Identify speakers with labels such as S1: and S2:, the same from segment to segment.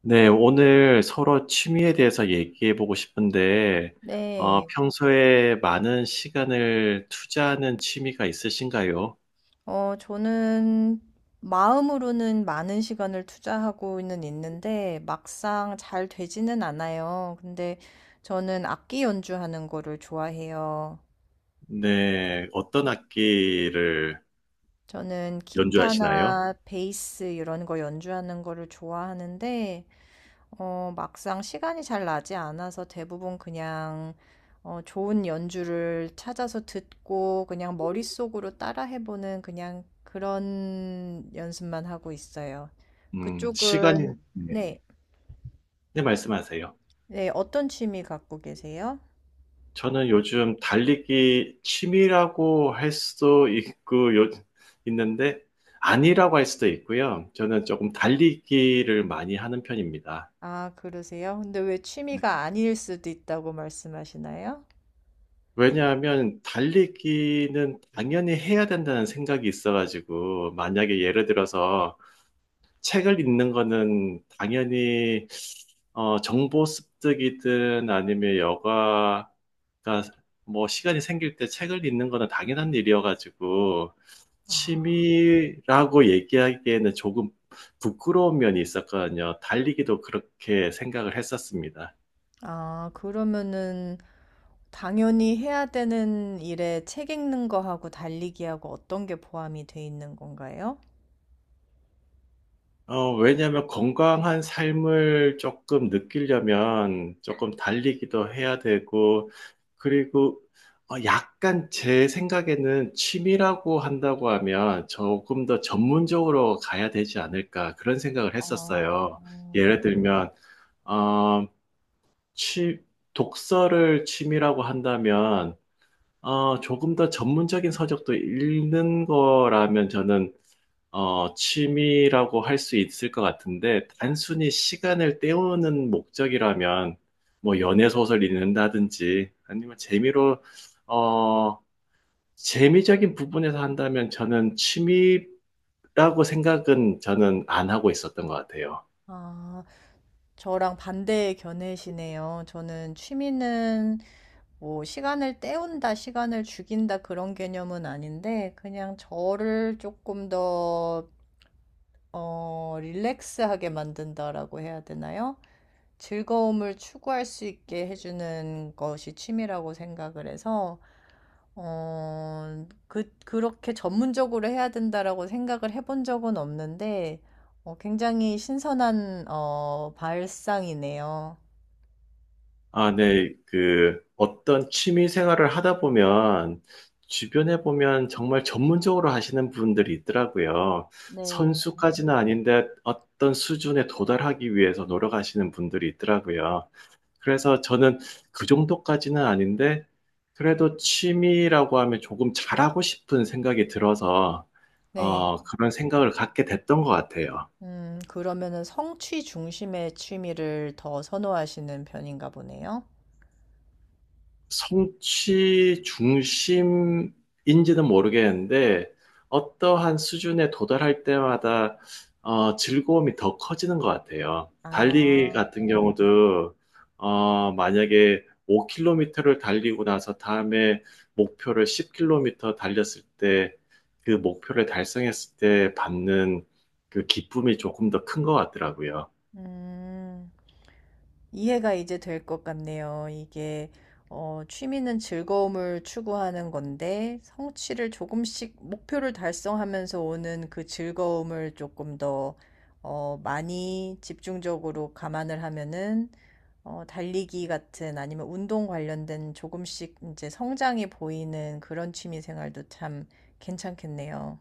S1: 네, 오늘 서로 취미에 대해서 얘기해 보고 싶은데,
S2: 네,
S1: 평소에 많은 시간을 투자하는 취미가 있으신가요?
S2: 저는 마음으로는 많은 시간을 투자하고는 있는데 막상 잘 되지는 않아요. 근데 저는 악기 연주하는 거를 좋아해요.
S1: 네, 어떤 악기를
S2: 저는
S1: 연주하시나요?
S2: 기타나 베이스 이런 거 연주하는 거를 좋아하는데 막상 시간이 잘 나지 않아서 대부분 그냥 좋은 연주를 찾아서 듣고 그냥 머릿속으로 따라해보는 그냥 그런 연습만 하고 있어요.
S1: 시간이,
S2: 그쪽은,
S1: 네,
S2: 네,
S1: 네, 말씀하세요.
S2: 네, 어떤 취미 갖고 계세요?
S1: 저는 요즘 달리기 취미라고 할 수도 있고, 있는데, 아니라고 할 수도 있고요. 저는 조금 달리기를 많이 하는 편입니다.
S2: 아, 그러세요? 근데 왜 취미가 아닐 수도 있다고 말씀하시나요?
S1: 왜냐하면 달리기는 당연히 해야 된다는 생각이 있어가지고, 만약에 예를 들어서 책을 읽는 거는 당연히 정보 습득이든 아니면 여가가 뭐 시간이 생길 때 책을 읽는 거는 당연한 일이어가지고, 취미라고 얘기하기에는 조금 부끄러운 면이 있었거든요. 달리기도 그렇게 생각을 했었습니다.
S2: 아, 그러면은 당연히 해야 되는 일에 책 읽는 거하고 달리기하고 어떤 게 포함이 돼 있는 건가요?
S1: 왜냐하면 건강한 삶을 조금 느끼려면 조금 달리기도 해야 되고, 그리고 약간 제 생각에는 취미라고 한다고 하면 조금 더 전문적으로 가야 되지 않을까 그런 생각을
S2: 아,
S1: 했었어요. 예를 들면, 어, 취, 독서를 취미라고 한다면, 조금 더 전문적인 서적도 읽는 거라면 저는 취미라고 할 수 있을 것 같은데, 단순히 시간을 때우는 목적이라면, 뭐, 연애 소설 읽는다든지, 아니면 재미로, 어, 재미적인 부분에서 한다면 저는 취미라고 생각은 저는 안 하고 있었던 것 같아요.
S2: 아, 저랑 반대의 견해시네요. 저는 취미는 뭐 시간을 때운다, 시간을 죽인다 그런 개념은 아닌데 그냥 저를 조금 더 릴렉스하게 만든다라고 해야 되나요? 즐거움을 추구할 수 있게 해주는 것이 취미라고 생각을 해서 그렇게 전문적으로 해야 된다라고 생각을 해본 적은 없는데, 굉장히 신선한, 발상이네요.
S1: 아, 네. 그 어떤 취미 생활을 하다 보면 주변에 보면 정말 전문적으로 하시는 분들이 있더라고요.
S2: 네.
S1: 선수까지는 아닌데 어떤 수준에 도달하기 위해서 노력하시는 분들이 있더라고요. 그래서 저는 그 정도까지는 아닌데 그래도 취미라고 하면 조금 잘하고 싶은 생각이 들어서
S2: 네. 음.
S1: 그런 생각을 갖게 됐던 것 같아요.
S2: 그러면은 성취 중심의 취미를 더 선호하시는 편인가 보네요.
S1: 성취 중심인지는 모르겠는데, 어떠한 수준에 도달할 때마다 즐거움이 더 커지는 것 같아요. 달리기
S2: 아,
S1: 같은 경우도 만약에 5km를 달리고 나서 다음에 목표를 10km 달렸을 때 그 목표를 달성했을 때 받는 그 기쁨이 조금 더 큰 것 같더라고요.
S2: 음. 이해가 이제 될 것 같네요. 이게 취미는 즐거움을 추구하는 건데 성취를 조금씩 목표를 달성하면서 오는 그 즐거움을 조금 더 많이 집중적으로 감안을 하면은 달리기 같은 아니면 운동 관련된 조금씩 이제 성장이 보이는 그런 취미 생활도 참 괜찮겠네요.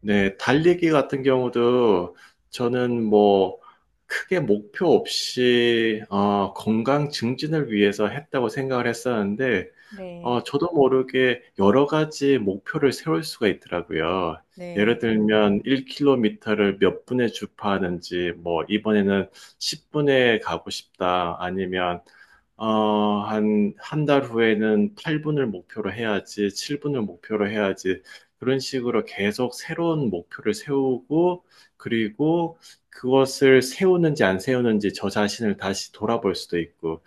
S1: 네, 달리기 같은 경우도 저는 뭐 크게 목표 없이 건강 증진을 위해서 했다고 생각을 했었는데
S2: 네.
S1: 저도 모르게 여러 가지 목표를 세울 수가 있더라고요. 예를
S2: 네.
S1: 들면 1km를 몇 분에 주파하는지, 뭐 이번에는 10분에 가고 싶다, 아니면 한 달 후에는 8분을 목표로 해야지, 7분을 목표로 해야지, 그런 식으로 계속 새로운 목표를 세우고, 그리고 그것을 세우는지 안 세우는지 저 자신을 다시 돌아볼 수도 있고,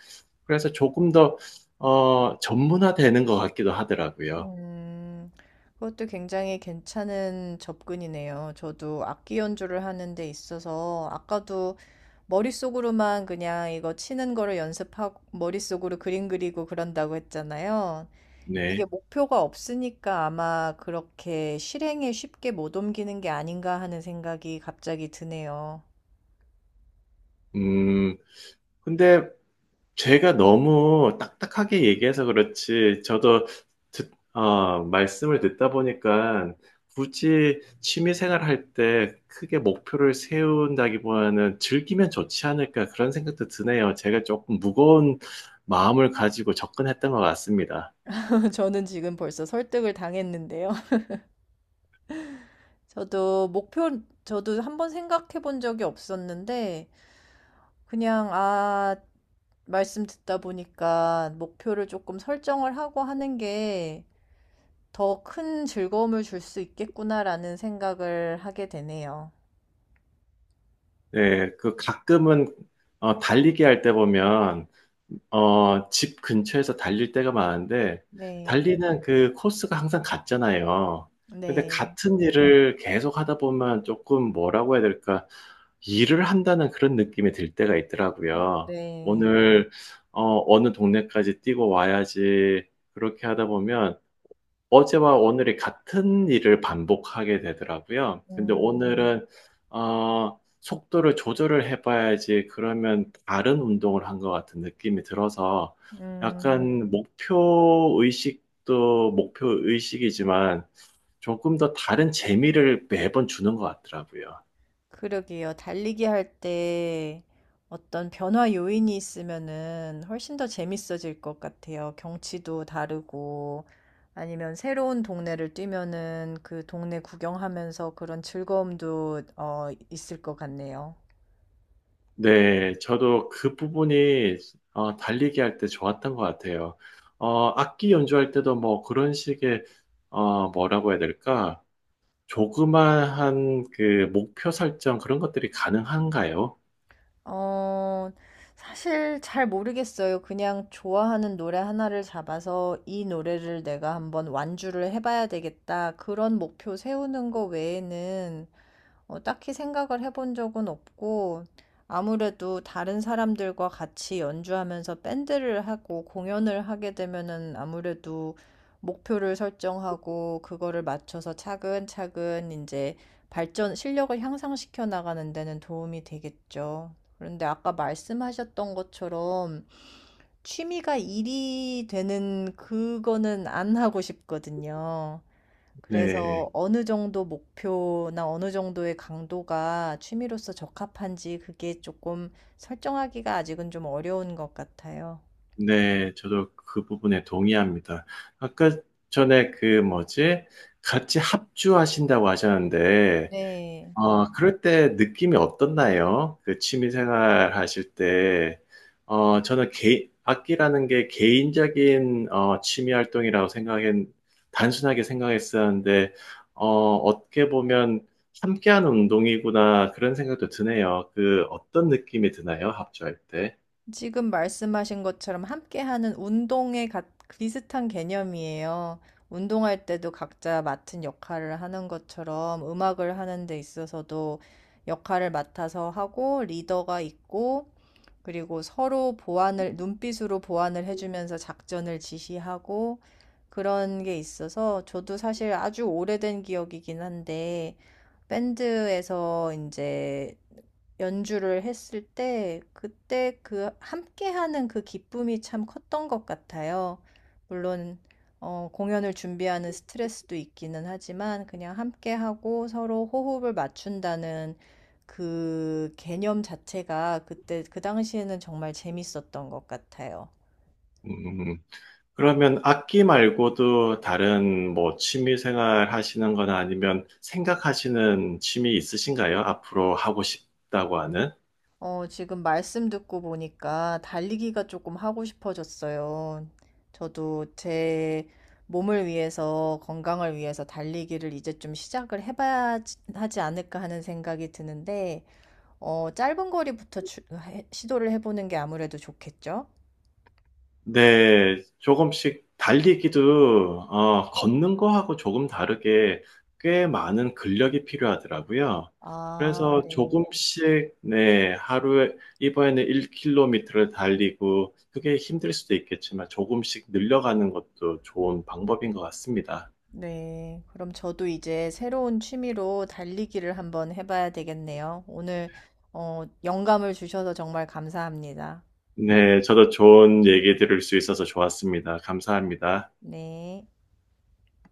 S1: 그래서 조금 더, 전문화되는 것 같기도 하더라고요.
S2: 음, 그것도 굉장히 괜찮은 접근이네요. 저도 악기 연주를 하는 데 있어서 아까도 머릿속으로만 그냥 이거 치는 거를 연습하고 머릿속으로 그림 그리고 그런다고 했잖아요. 이게
S1: 네.
S2: 목표가 없으니까 아마 그렇게 실행에 쉽게 못 옮기는 게 아닌가 하는 생각이 갑자기 드네요.
S1: 음, 근데 제가 너무 딱딱하게 얘기해서 그렇지, 저도 말씀을 듣다 보니까 굳이 취미 생활할 때 크게 목표를 세운다기보다는 즐기면 좋지 않을까 그런 생각도 드네요. 제가 조금 무거운 마음을 가지고 접근했던 것 같습니다.
S2: 저는 지금 벌써 설득을 당했는데요. 저도 목표, 저도 한번 생각해 본 적이 없었는데 그냥, 아, 말씀 듣다 보니까 목표를 조금 설정을 하고 하는 게 더 큰 즐거움을 줄 수 있겠구나라는 생각을 하게 되네요.
S1: 네, 그 가끔은 달리기 할 때 보면 집 근처에서 달릴 때가 많은데
S2: 네,
S1: 달리는 그 코스가 항상 같잖아요. 근데
S2: 네,
S1: 같은 일을 계속 하다 보면 조금 뭐라고 해야 될까? 일을 한다는 그런 느낌이 들 때가 있더라고요.
S2: 네.
S1: 오늘 어느 동네까지 뛰고 와야지. 그렇게 하다 보면 어제와 오늘이 같은 일을 반복하게 되더라고요. 근데
S2: 음,
S1: 오늘은 속도를 조절을 해봐야지 그러면 다른 운동을 한 것 같은 느낌이 들어서
S2: 음.
S1: 약간 목표 의식도 목표 의식이지만 조금 더 다른 재미를 매번 주는 것 같더라고요.
S2: 그러게요. 달리기 할 때 어떤 변화 요인이 있으면은 훨씬 더 재밌어질 것 같아요. 경치도 다르고 아니면 새로운 동네를 뛰면은 그 동네 구경하면서 그런 즐거움도 있을 것 같네요.
S1: 네, 저도 그 부분이 달리기 할 때 좋았던 것 같아요. 악기 연주할 때도 뭐 그런 식의 뭐라고 해야 될까? 조그마한 그 목표 설정 그런 것들이 가능한가요?
S2: 어, 사실 잘 모르겠어요. 그냥 좋아하는 노래 하나를 잡아서 이 노래를 내가 한번 완주를 해봐야 되겠다. 그런 목표 세우는 거 외에는 딱히 생각을 해본 적은 없고, 아무래도 다른 사람들과 같이 연주하면서 밴드를 하고 공연을 하게 되면은 아무래도 목표를 설정하고 그거를 맞춰서 차근차근 이제 발전, 실력을 향상시켜 나가는 데는 도움이 되겠죠. 그런데 아까 말씀하셨던 것처럼 취미가 일이 되는 그거는 안 하고 싶거든요. 그래서
S1: 네.
S2: 어느 정도 목표나 어느 정도의 강도가 취미로서 적합한지 그게 조금 설정하기가 아직은 좀 어려운 것 같아요.
S1: 네, 저도 그 부분에 동의합니다. 아까 전에 그 뭐지? 같이 합주하신다고 하셨는데
S2: 네.
S1: 그럴 때 느낌이 어떻나요? 그 취미 생활 하실 때, 악기라는 게 개인적인 취미 활동이라고 생각했, 단순하게 생각했었는데, 어떻게 보면 함께하는 운동이구나, 그런 생각도 드네요. 그 어떤 느낌이 드나요? 합주할 때?
S2: 지금 말씀하신 것처럼 함께하는 운동에 비슷한 개념이에요. 운동할 때도 각자 맡은 역할을 하는 것처럼 음악을 하는 데 있어서도 역할을 맡아서 하고 리더가 있고 그리고 서로 보완을, 눈빛으로 보완을 해주면서 작전을 지시하고 그런 게 있어서 저도 사실 아주 오래된 기억이긴 한데 밴드에서 이제 연주를 했을 때 그때 그 함께하는 그 기쁨이 참 컸던 것 같아요. 물론 공연을 준비하는 스트레스도 있기는 하지만 그냥 함께하고 서로 호흡을 맞춘다는 그 개념 자체가 그때 그 당시에는 정말 재밌었던 것 같아요.
S1: 음, 그러면 악기 말고도 다른 뭐 취미 생활 하시는 거나 아니면 생각하시는 취미 있으신가요? 앞으로 하고 싶다고 하는?
S2: 지금 말씀 듣고 보니까 달리기가 조금 하고 싶어졌어요. 저도 제 몸을 위해서, 건강을 위해서 달리기를 이제 좀 하지 않을까 하는 생각이 드는데, 짧은 거리부터 시도를 해보는 게 아무래도 좋겠죠?
S1: 네, 조금씩 달리기도, 걷는 거하고 조금 다르게 꽤 많은 근력이 필요하더라고요.
S2: 아,
S1: 그래서
S2: 네.
S1: 조금씩, 네, 하루에, 이번에는 1km를 달리고, 그게 힘들 수도 있겠지만 조금씩 늘려가는 것도 좋은 방법인 것 같습니다.
S2: 네, 그럼 저도 이제 새로운 취미로 달리기를 한번 해봐야 되겠네요. 오늘, 영감을 주셔서 정말 감사합니다.
S1: 네, 저도 좋은 얘기 들을 수 있어서 좋았습니다. 감사합니다.
S2: 네.